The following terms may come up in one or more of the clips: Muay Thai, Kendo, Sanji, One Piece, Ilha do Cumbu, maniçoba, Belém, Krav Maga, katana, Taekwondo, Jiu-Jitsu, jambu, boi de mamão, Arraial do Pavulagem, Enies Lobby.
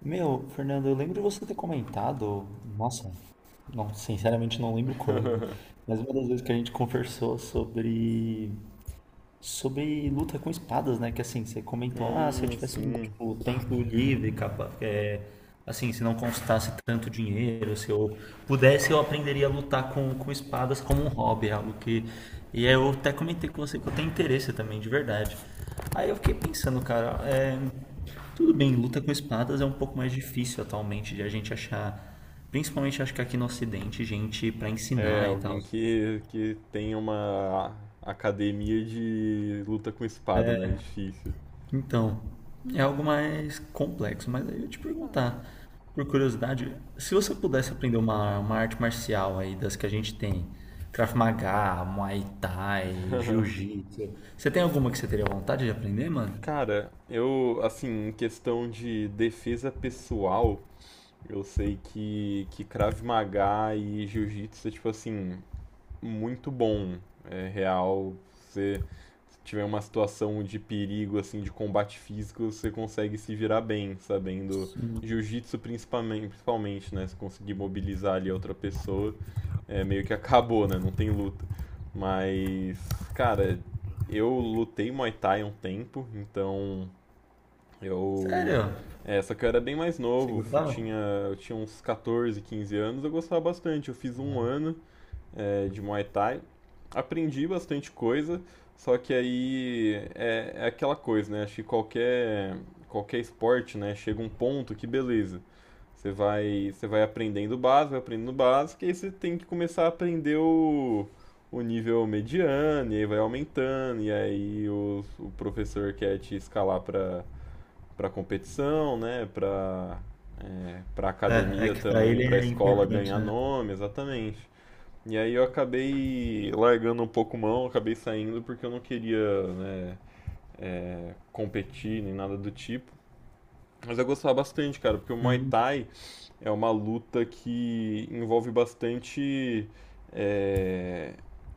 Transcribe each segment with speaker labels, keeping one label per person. Speaker 1: Meu, Fernando, eu lembro de você ter comentado, nossa, não, sinceramente não lembro quando, mas uma das vezes que a gente conversou sobre luta com espadas, né? Que assim, você comentou, ah, se eu tivesse um
Speaker 2: Sim.
Speaker 1: tipo, tempo livre, capa, assim, se não constasse tanto dinheiro, se eu pudesse, eu aprenderia a lutar com espadas como um hobby, é algo que. E aí eu até comentei com você que eu tenho interesse também, de verdade. Aí eu fiquei pensando, cara, tudo bem, luta com espadas é um pouco mais difícil atualmente de a gente achar. Principalmente acho que aqui no Ocidente, gente pra
Speaker 2: É,
Speaker 1: ensinar e tal.
Speaker 2: alguém que tem uma academia de luta com espada, né? É difícil.
Speaker 1: Então, é algo mais complexo, mas aí eu ia te perguntar, por curiosidade, se você pudesse aprender uma arte marcial aí das que a gente tem, Krav Maga, Muay Thai, Jiu-Jitsu, você tem alguma que você teria vontade de aprender, mano?
Speaker 2: Cara, eu, assim, em questão de defesa pessoal, eu sei que Krav Maga e Jiu-Jitsu é tipo assim, muito bom, é real. Você se tiver uma situação de perigo, assim, de combate físico, você consegue se virar bem, sabendo. Jiu-jitsu principalmente, principalmente, né? Se conseguir mobilizar ali a outra pessoa, é meio que acabou, né? Não tem luta. Mas, cara, eu lutei Muay Thai um tempo, então eu.
Speaker 1: Sério?
Speaker 2: É, só que eu era bem mais
Speaker 1: Você
Speaker 2: novo, eu tinha,
Speaker 1: gostava?
Speaker 2: eu tinha uns 14, 15 anos, eu gostava bastante. Eu fiz um ano de Muay Thai. Aprendi bastante coisa, só que aí é aquela coisa, né? Acho que qualquer esporte, né? Chega um ponto que beleza. Você vai aprendendo o básico, vai aprendendo o básico, e aí você tem que começar a aprender o nível mediano, e aí vai aumentando, e aí o professor quer te escalar para competição, né? Para
Speaker 1: É, é
Speaker 2: academia
Speaker 1: que pra
Speaker 2: também,
Speaker 1: ele
Speaker 2: para
Speaker 1: é
Speaker 2: escola
Speaker 1: importante,
Speaker 2: ganhar
Speaker 1: né?
Speaker 2: nome, exatamente. E aí eu acabei largando um pouco mão, acabei saindo porque eu não queria, né, competir nem nada do tipo. Mas eu gostava bastante, cara, porque o Muay
Speaker 1: Hum,
Speaker 2: Thai é uma luta que envolve bastante é,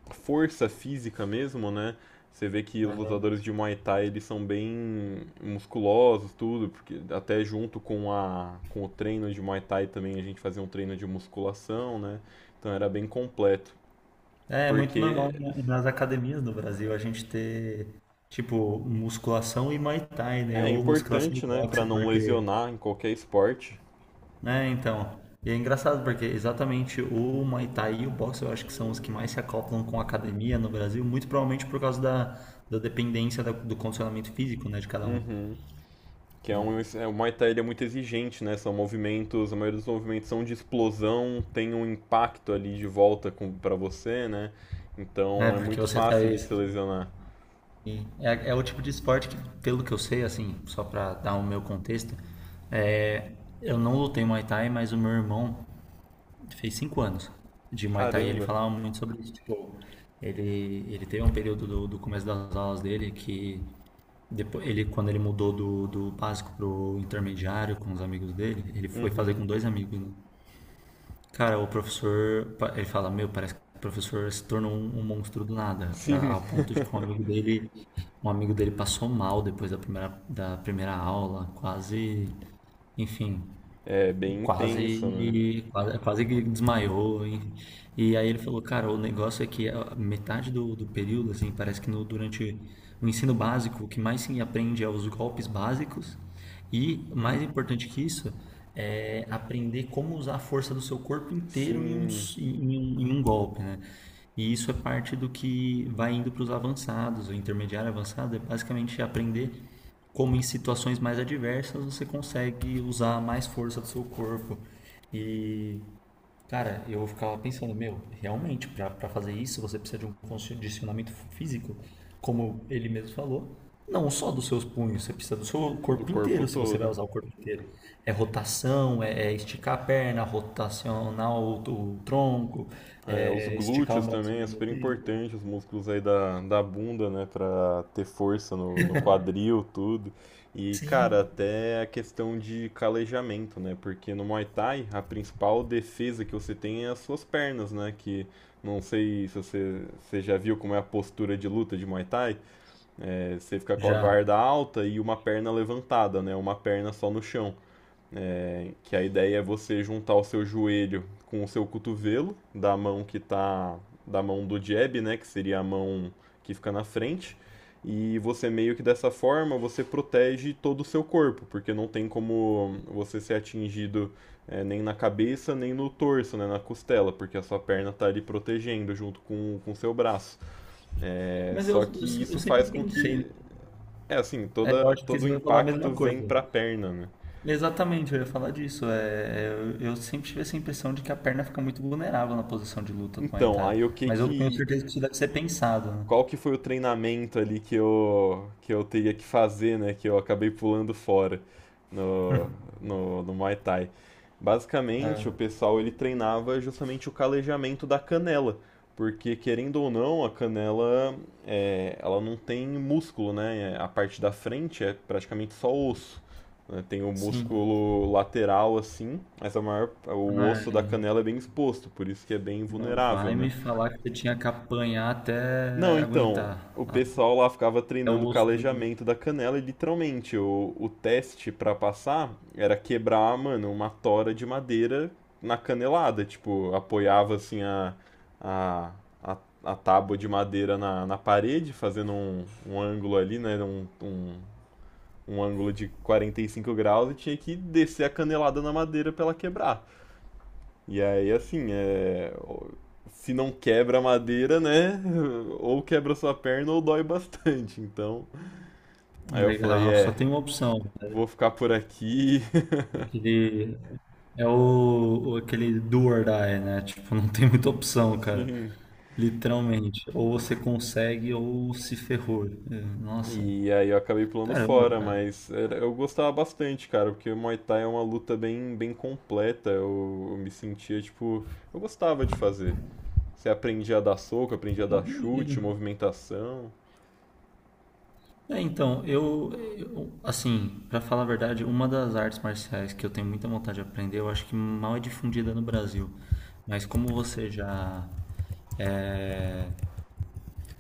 Speaker 2: força física mesmo, né? Você vê que os
Speaker 1: aham.
Speaker 2: lutadores de Muay Thai eles são bem musculosos, tudo, porque até junto com o treino de Muay Thai também a gente fazia um treino de musculação, né? Então era bem completo,
Speaker 1: É, é muito
Speaker 2: porque
Speaker 1: normal nas academias do Brasil a gente ter, tipo, musculação e Muay Thai, né?
Speaker 2: é
Speaker 1: Ou musculação e
Speaker 2: importante, né, pra
Speaker 1: boxe,
Speaker 2: não
Speaker 1: porque
Speaker 2: lesionar em qualquer esporte.
Speaker 1: é, então. E é engraçado porque exatamente o Muay Thai e o boxe eu acho que são os que mais se acoplam com a academia no Brasil, muito provavelmente por causa da, da dependência do condicionamento físico, né, de cada um.
Speaker 2: Uhum. Que é um, é, o Muay Thai ele é muito exigente, né? São movimentos, a maioria dos movimentos são de explosão, tem um impacto ali de volta para você, né?
Speaker 1: É,
Speaker 2: Então é
Speaker 1: porque
Speaker 2: muito
Speaker 1: você tá
Speaker 2: fácil
Speaker 1: aí.
Speaker 2: de se lesionar.
Speaker 1: E é, é o tipo de esporte que, pelo que eu sei, assim, só pra dar o meu contexto, é, eu não lutei Muay Thai, mas o meu irmão, fez 5 anos de Muay Thai. Ele
Speaker 2: Caramba.
Speaker 1: falava muito sobre isso. Tipo, ele, ele teve um período do, do começo das aulas dele que depois, ele, quando ele mudou do, do básico pro intermediário com os amigos dele, ele foi fazer
Speaker 2: Uhum.
Speaker 1: com dois amigos, né? Cara, o professor, ele fala, meu, parece que o professor se tornou um, um monstro do nada, pra,
Speaker 2: Sim.
Speaker 1: ao ponto de que um amigo dele passou mal depois da primeira aula, quase, enfim,
Speaker 2: É bem intenso, né?
Speaker 1: quase, quase, quase que desmaiou, hein? E aí ele falou, cara, o negócio é que a metade do, do período, assim, parece que no, durante o ensino básico, o que mais se aprende é os golpes básicos e, mais importante que isso, é aprender como usar a força do seu corpo inteiro em um,
Speaker 2: Sim,
Speaker 1: em um, em um golpe, né? E isso é parte do que vai indo para os avançados, o intermediário avançado é basicamente aprender como em situações mais adversas você consegue usar mais força do seu corpo. E, cara, eu ficava pensando, meu, realmente, para fazer isso você precisa de um condicionamento físico, como ele mesmo falou. Não só dos seus punhos, você precisa do seu
Speaker 2: do
Speaker 1: corpo
Speaker 2: corpo
Speaker 1: inteiro, se você vai
Speaker 2: todo.
Speaker 1: usar o corpo inteiro. É rotação, é, é esticar a perna, rotacionar o tronco,
Speaker 2: É, os
Speaker 1: é é esticar o
Speaker 2: glúteos
Speaker 1: braço ao
Speaker 2: também é
Speaker 1: mesmo
Speaker 2: super
Speaker 1: tempo.
Speaker 2: importante, os músculos aí da bunda, né, pra ter força no quadril, tudo. E, cara,
Speaker 1: Sim,
Speaker 2: até a questão de calejamento, né, porque no Muay Thai a principal defesa que você tem é as suas pernas, né, que não sei se você já viu como é a postura de luta de Muay Thai, você fica com a
Speaker 1: já.
Speaker 2: guarda alta e uma perna levantada, né, uma perna só no chão que a ideia é você juntar o seu joelho com o seu cotovelo da mão do jab, né, que seria a mão que fica na frente, e você meio que dessa forma você protege todo o seu corpo, porque não tem como você ser atingido nem na cabeça, nem no torso, né, na costela, porque a sua perna tá ali protegendo junto com o seu braço. É,
Speaker 1: Mas
Speaker 2: só
Speaker 1: eu,
Speaker 2: que
Speaker 1: se- eu
Speaker 2: isso
Speaker 1: sempre
Speaker 2: faz com
Speaker 1: pensei, né?
Speaker 2: que
Speaker 1: É, eu
Speaker 2: toda
Speaker 1: acho que
Speaker 2: todo
Speaker 1: você
Speaker 2: o
Speaker 1: vai falar a mesma
Speaker 2: impacto
Speaker 1: coisa.
Speaker 2: vem para a perna, né?
Speaker 1: Exatamente, eu ia falar disso. É, eu sempre tive essa impressão de que a perna fica muito vulnerável na posição de luta do Muay
Speaker 2: Então,
Speaker 1: Thai.
Speaker 2: aí o que
Speaker 1: Mas eu tenho
Speaker 2: que
Speaker 1: certeza que isso deve ser pensado, né?
Speaker 2: qual que foi o treinamento ali que eu teria que fazer, né? Que eu acabei pulando fora no, no Muay Thai. Basicamente, o pessoal ele treinava justamente o calejamento da canela, porque querendo ou não, a canela ela não tem músculo, né? A parte da frente é praticamente só osso. Né? Tem o
Speaker 1: Sim.
Speaker 2: músculo lateral assim, mas a maior, o osso da
Speaker 1: Ai,
Speaker 2: canela é bem exposto, por isso que é bem
Speaker 1: não
Speaker 2: vulnerável,
Speaker 1: vai me
Speaker 2: né?
Speaker 1: falar que você tinha que apanhar
Speaker 2: Não,
Speaker 1: até
Speaker 2: então,
Speaker 1: aguentar.
Speaker 2: o
Speaker 1: Até
Speaker 2: pessoal lá ficava
Speaker 1: o
Speaker 2: treinando o
Speaker 1: osso.
Speaker 2: calejamento da canela e literalmente o teste pra passar era quebrar, mano, uma tora de madeira na canelada. Tipo, apoiava assim a, a, a tábua de madeira na parede, fazendo um ângulo ali, né? Um ângulo de 45 graus e tinha que descer a canelada na madeira pra ela quebrar. E aí, assim, se não quebra a madeira, né? Ou quebra sua perna ou dói bastante. Então, aí eu falei,
Speaker 1: Legal, só tem uma opção, né?
Speaker 2: vou ficar por aqui.
Speaker 1: Aquele, é aquele do or die, né? Tipo, não tem muita opção, cara.
Speaker 2: Enfim.
Speaker 1: Literalmente. Ou você consegue ou se ferrou. É, nossa.
Speaker 2: E aí eu acabei pulando
Speaker 1: Caramba,
Speaker 2: fora,
Speaker 1: cara.
Speaker 2: mas eu gostava bastante, cara, porque o Muay Thai é uma luta bem, bem completa. Eu me sentia, tipo, eu gostava de fazer. Você aprendia a dar soco, aprendia a dar chute,
Speaker 1: Imagina.
Speaker 2: movimentação.
Speaker 1: É, então, eu, assim, pra falar a verdade, uma das artes marciais que eu tenho muita vontade de aprender, eu acho que mal é difundida no Brasil. Mas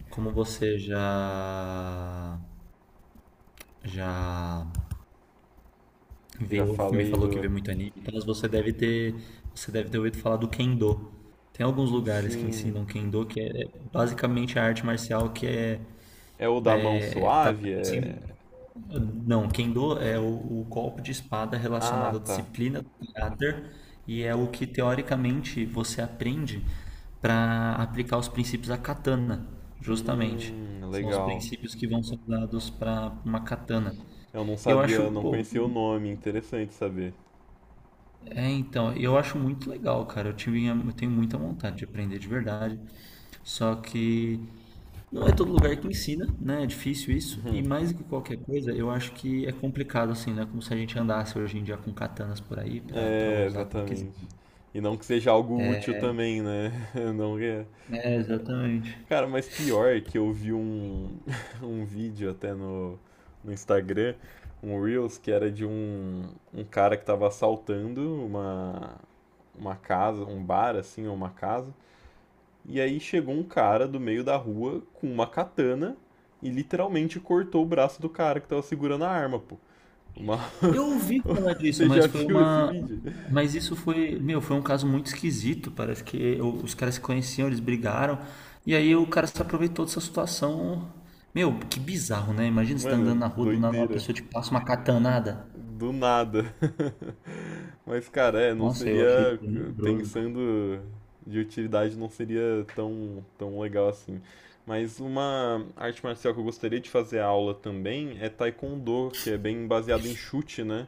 Speaker 1: como você já, já
Speaker 2: Já
Speaker 1: viu, me
Speaker 2: falei
Speaker 1: falou que
Speaker 2: do.
Speaker 1: vê muito anime, então mas você deve ter ouvido falar do Kendo. Tem alguns lugares que
Speaker 2: Sim.
Speaker 1: ensinam Kendo, que é basicamente a arte marcial que é,
Speaker 2: É o da mão
Speaker 1: é, tá,
Speaker 2: suave? É.
Speaker 1: assim, não, Kendo é o golpe de espada
Speaker 2: Ah,
Speaker 1: relacionado à
Speaker 2: tá.
Speaker 1: disciplina do caráter e é o que teoricamente você aprende para aplicar os princípios da katana, justamente. São os
Speaker 2: Legal.
Speaker 1: princípios que vão ser usados para uma katana.
Speaker 2: Eu não
Speaker 1: Eu acho,
Speaker 2: sabia, não
Speaker 1: pô,
Speaker 2: conhecia o nome, interessante saber.
Speaker 1: É, então, eu acho muito legal, cara. Eu tenho muita vontade de aprender de verdade. Só que não é todo lugar que ensina, né? É difícil isso. E mais do que qualquer coisa, eu acho que é complicado, assim, né? Como se a gente andasse hoje em dia com katanas por aí pra
Speaker 2: É,
Speaker 1: usar quando quiser.
Speaker 2: exatamente. E não que seja algo útil também, né? Não é.
Speaker 1: É, exatamente.
Speaker 2: Cara, mas pior é que eu vi um, um vídeo até no Instagram, um Reels, que era de um cara que tava assaltando uma casa, um bar, assim, ou uma casa. E aí chegou um cara do meio da rua com uma katana e literalmente cortou o braço do cara que tava segurando a arma, pô. Uma...
Speaker 1: Eu ouvi falar disso,
Speaker 2: Você
Speaker 1: mas
Speaker 2: já
Speaker 1: foi
Speaker 2: viu esse
Speaker 1: uma.
Speaker 2: vídeo?
Speaker 1: Mas isso foi, meu, foi um caso muito esquisito. Parece que os caras se conheciam, eles brigaram. E aí o cara se aproveitou dessa situação. Meu, que bizarro, né? Imagina você tá andando
Speaker 2: Mano,
Speaker 1: na rua, do nada uma
Speaker 2: doideira.
Speaker 1: pessoa te passa uma catanada.
Speaker 2: Do nada. Mas, cara, não
Speaker 1: Nossa, eu achei
Speaker 2: seria,
Speaker 1: tenebroso.
Speaker 2: pensando de utilidade, não seria tão, tão legal assim. Mas uma arte marcial que eu gostaria de fazer aula também é Taekwondo, que é bem baseado em chute, né?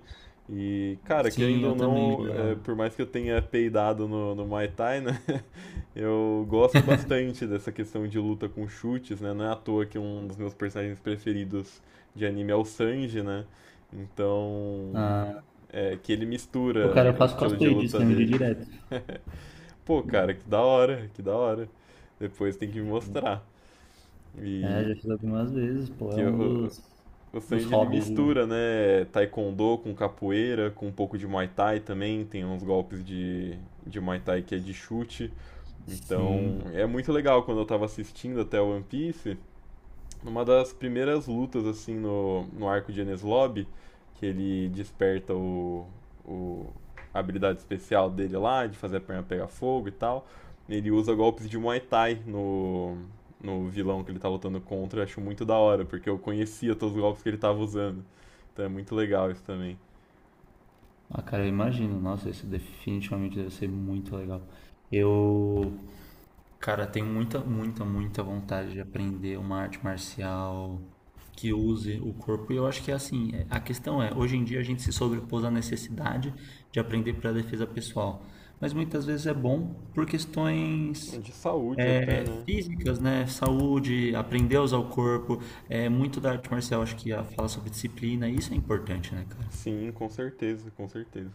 Speaker 2: E, cara,
Speaker 1: Sim,
Speaker 2: querendo
Speaker 1: eu
Speaker 2: ou
Speaker 1: também
Speaker 2: não,
Speaker 1: já.
Speaker 2: por mais que eu tenha peidado no Muay Thai, né? Eu gosto bastante dessa questão de luta com chutes, né? Não é à toa que um dos meus personagens preferidos de anime é o Sanji, né? Então,
Speaker 1: Ah,
Speaker 2: é que ele
Speaker 1: o
Speaker 2: mistura
Speaker 1: cara, eu
Speaker 2: o
Speaker 1: faço
Speaker 2: estilo de
Speaker 1: cosplay disso,
Speaker 2: luta
Speaker 1: né? De
Speaker 2: dele.
Speaker 1: direto.
Speaker 2: Pô, cara, que da hora, que da hora. Depois tem que me mostrar.
Speaker 1: É,
Speaker 2: E
Speaker 1: já fiz algumas vezes, pô.
Speaker 2: que
Speaker 1: É um
Speaker 2: eu,
Speaker 1: dos,
Speaker 2: o
Speaker 1: dos
Speaker 2: Sanji ele
Speaker 1: hobbies, viu?
Speaker 2: mistura, né, taekwondo com capoeira, com um pouco de Muay Thai também, tem uns golpes de Muay Thai que é de chute. Então,
Speaker 1: Sim.
Speaker 2: é muito legal quando eu tava assistindo até One Piece, numa das primeiras lutas, assim, no arco de Enies Lobby, que ele desperta o, a habilidade especial dele lá, de fazer a perna pegar fogo e tal. Ele usa golpes de Muay Thai no vilão que ele tá lutando contra, eu acho muito da hora, porque eu conhecia todos os golpes que ele tava usando. Então é muito legal isso também.
Speaker 1: Ah, cara, eu imagino. Nossa, isso definitivamente deve ser muito legal. Eu, cara, tenho muita, muita, muita vontade de aprender uma arte marcial que use o corpo. E eu acho que é assim, a questão é, hoje em dia a gente se sobrepôs à necessidade de aprender para defesa pessoal. Mas muitas vezes é bom por questões
Speaker 2: De saúde até,
Speaker 1: é,
Speaker 2: né?
Speaker 1: físicas, né? Saúde, aprender a usar o corpo. É muito da arte marcial, acho que a fala sobre disciplina. Isso é importante, né, cara?
Speaker 2: Sim, com certeza, com certeza.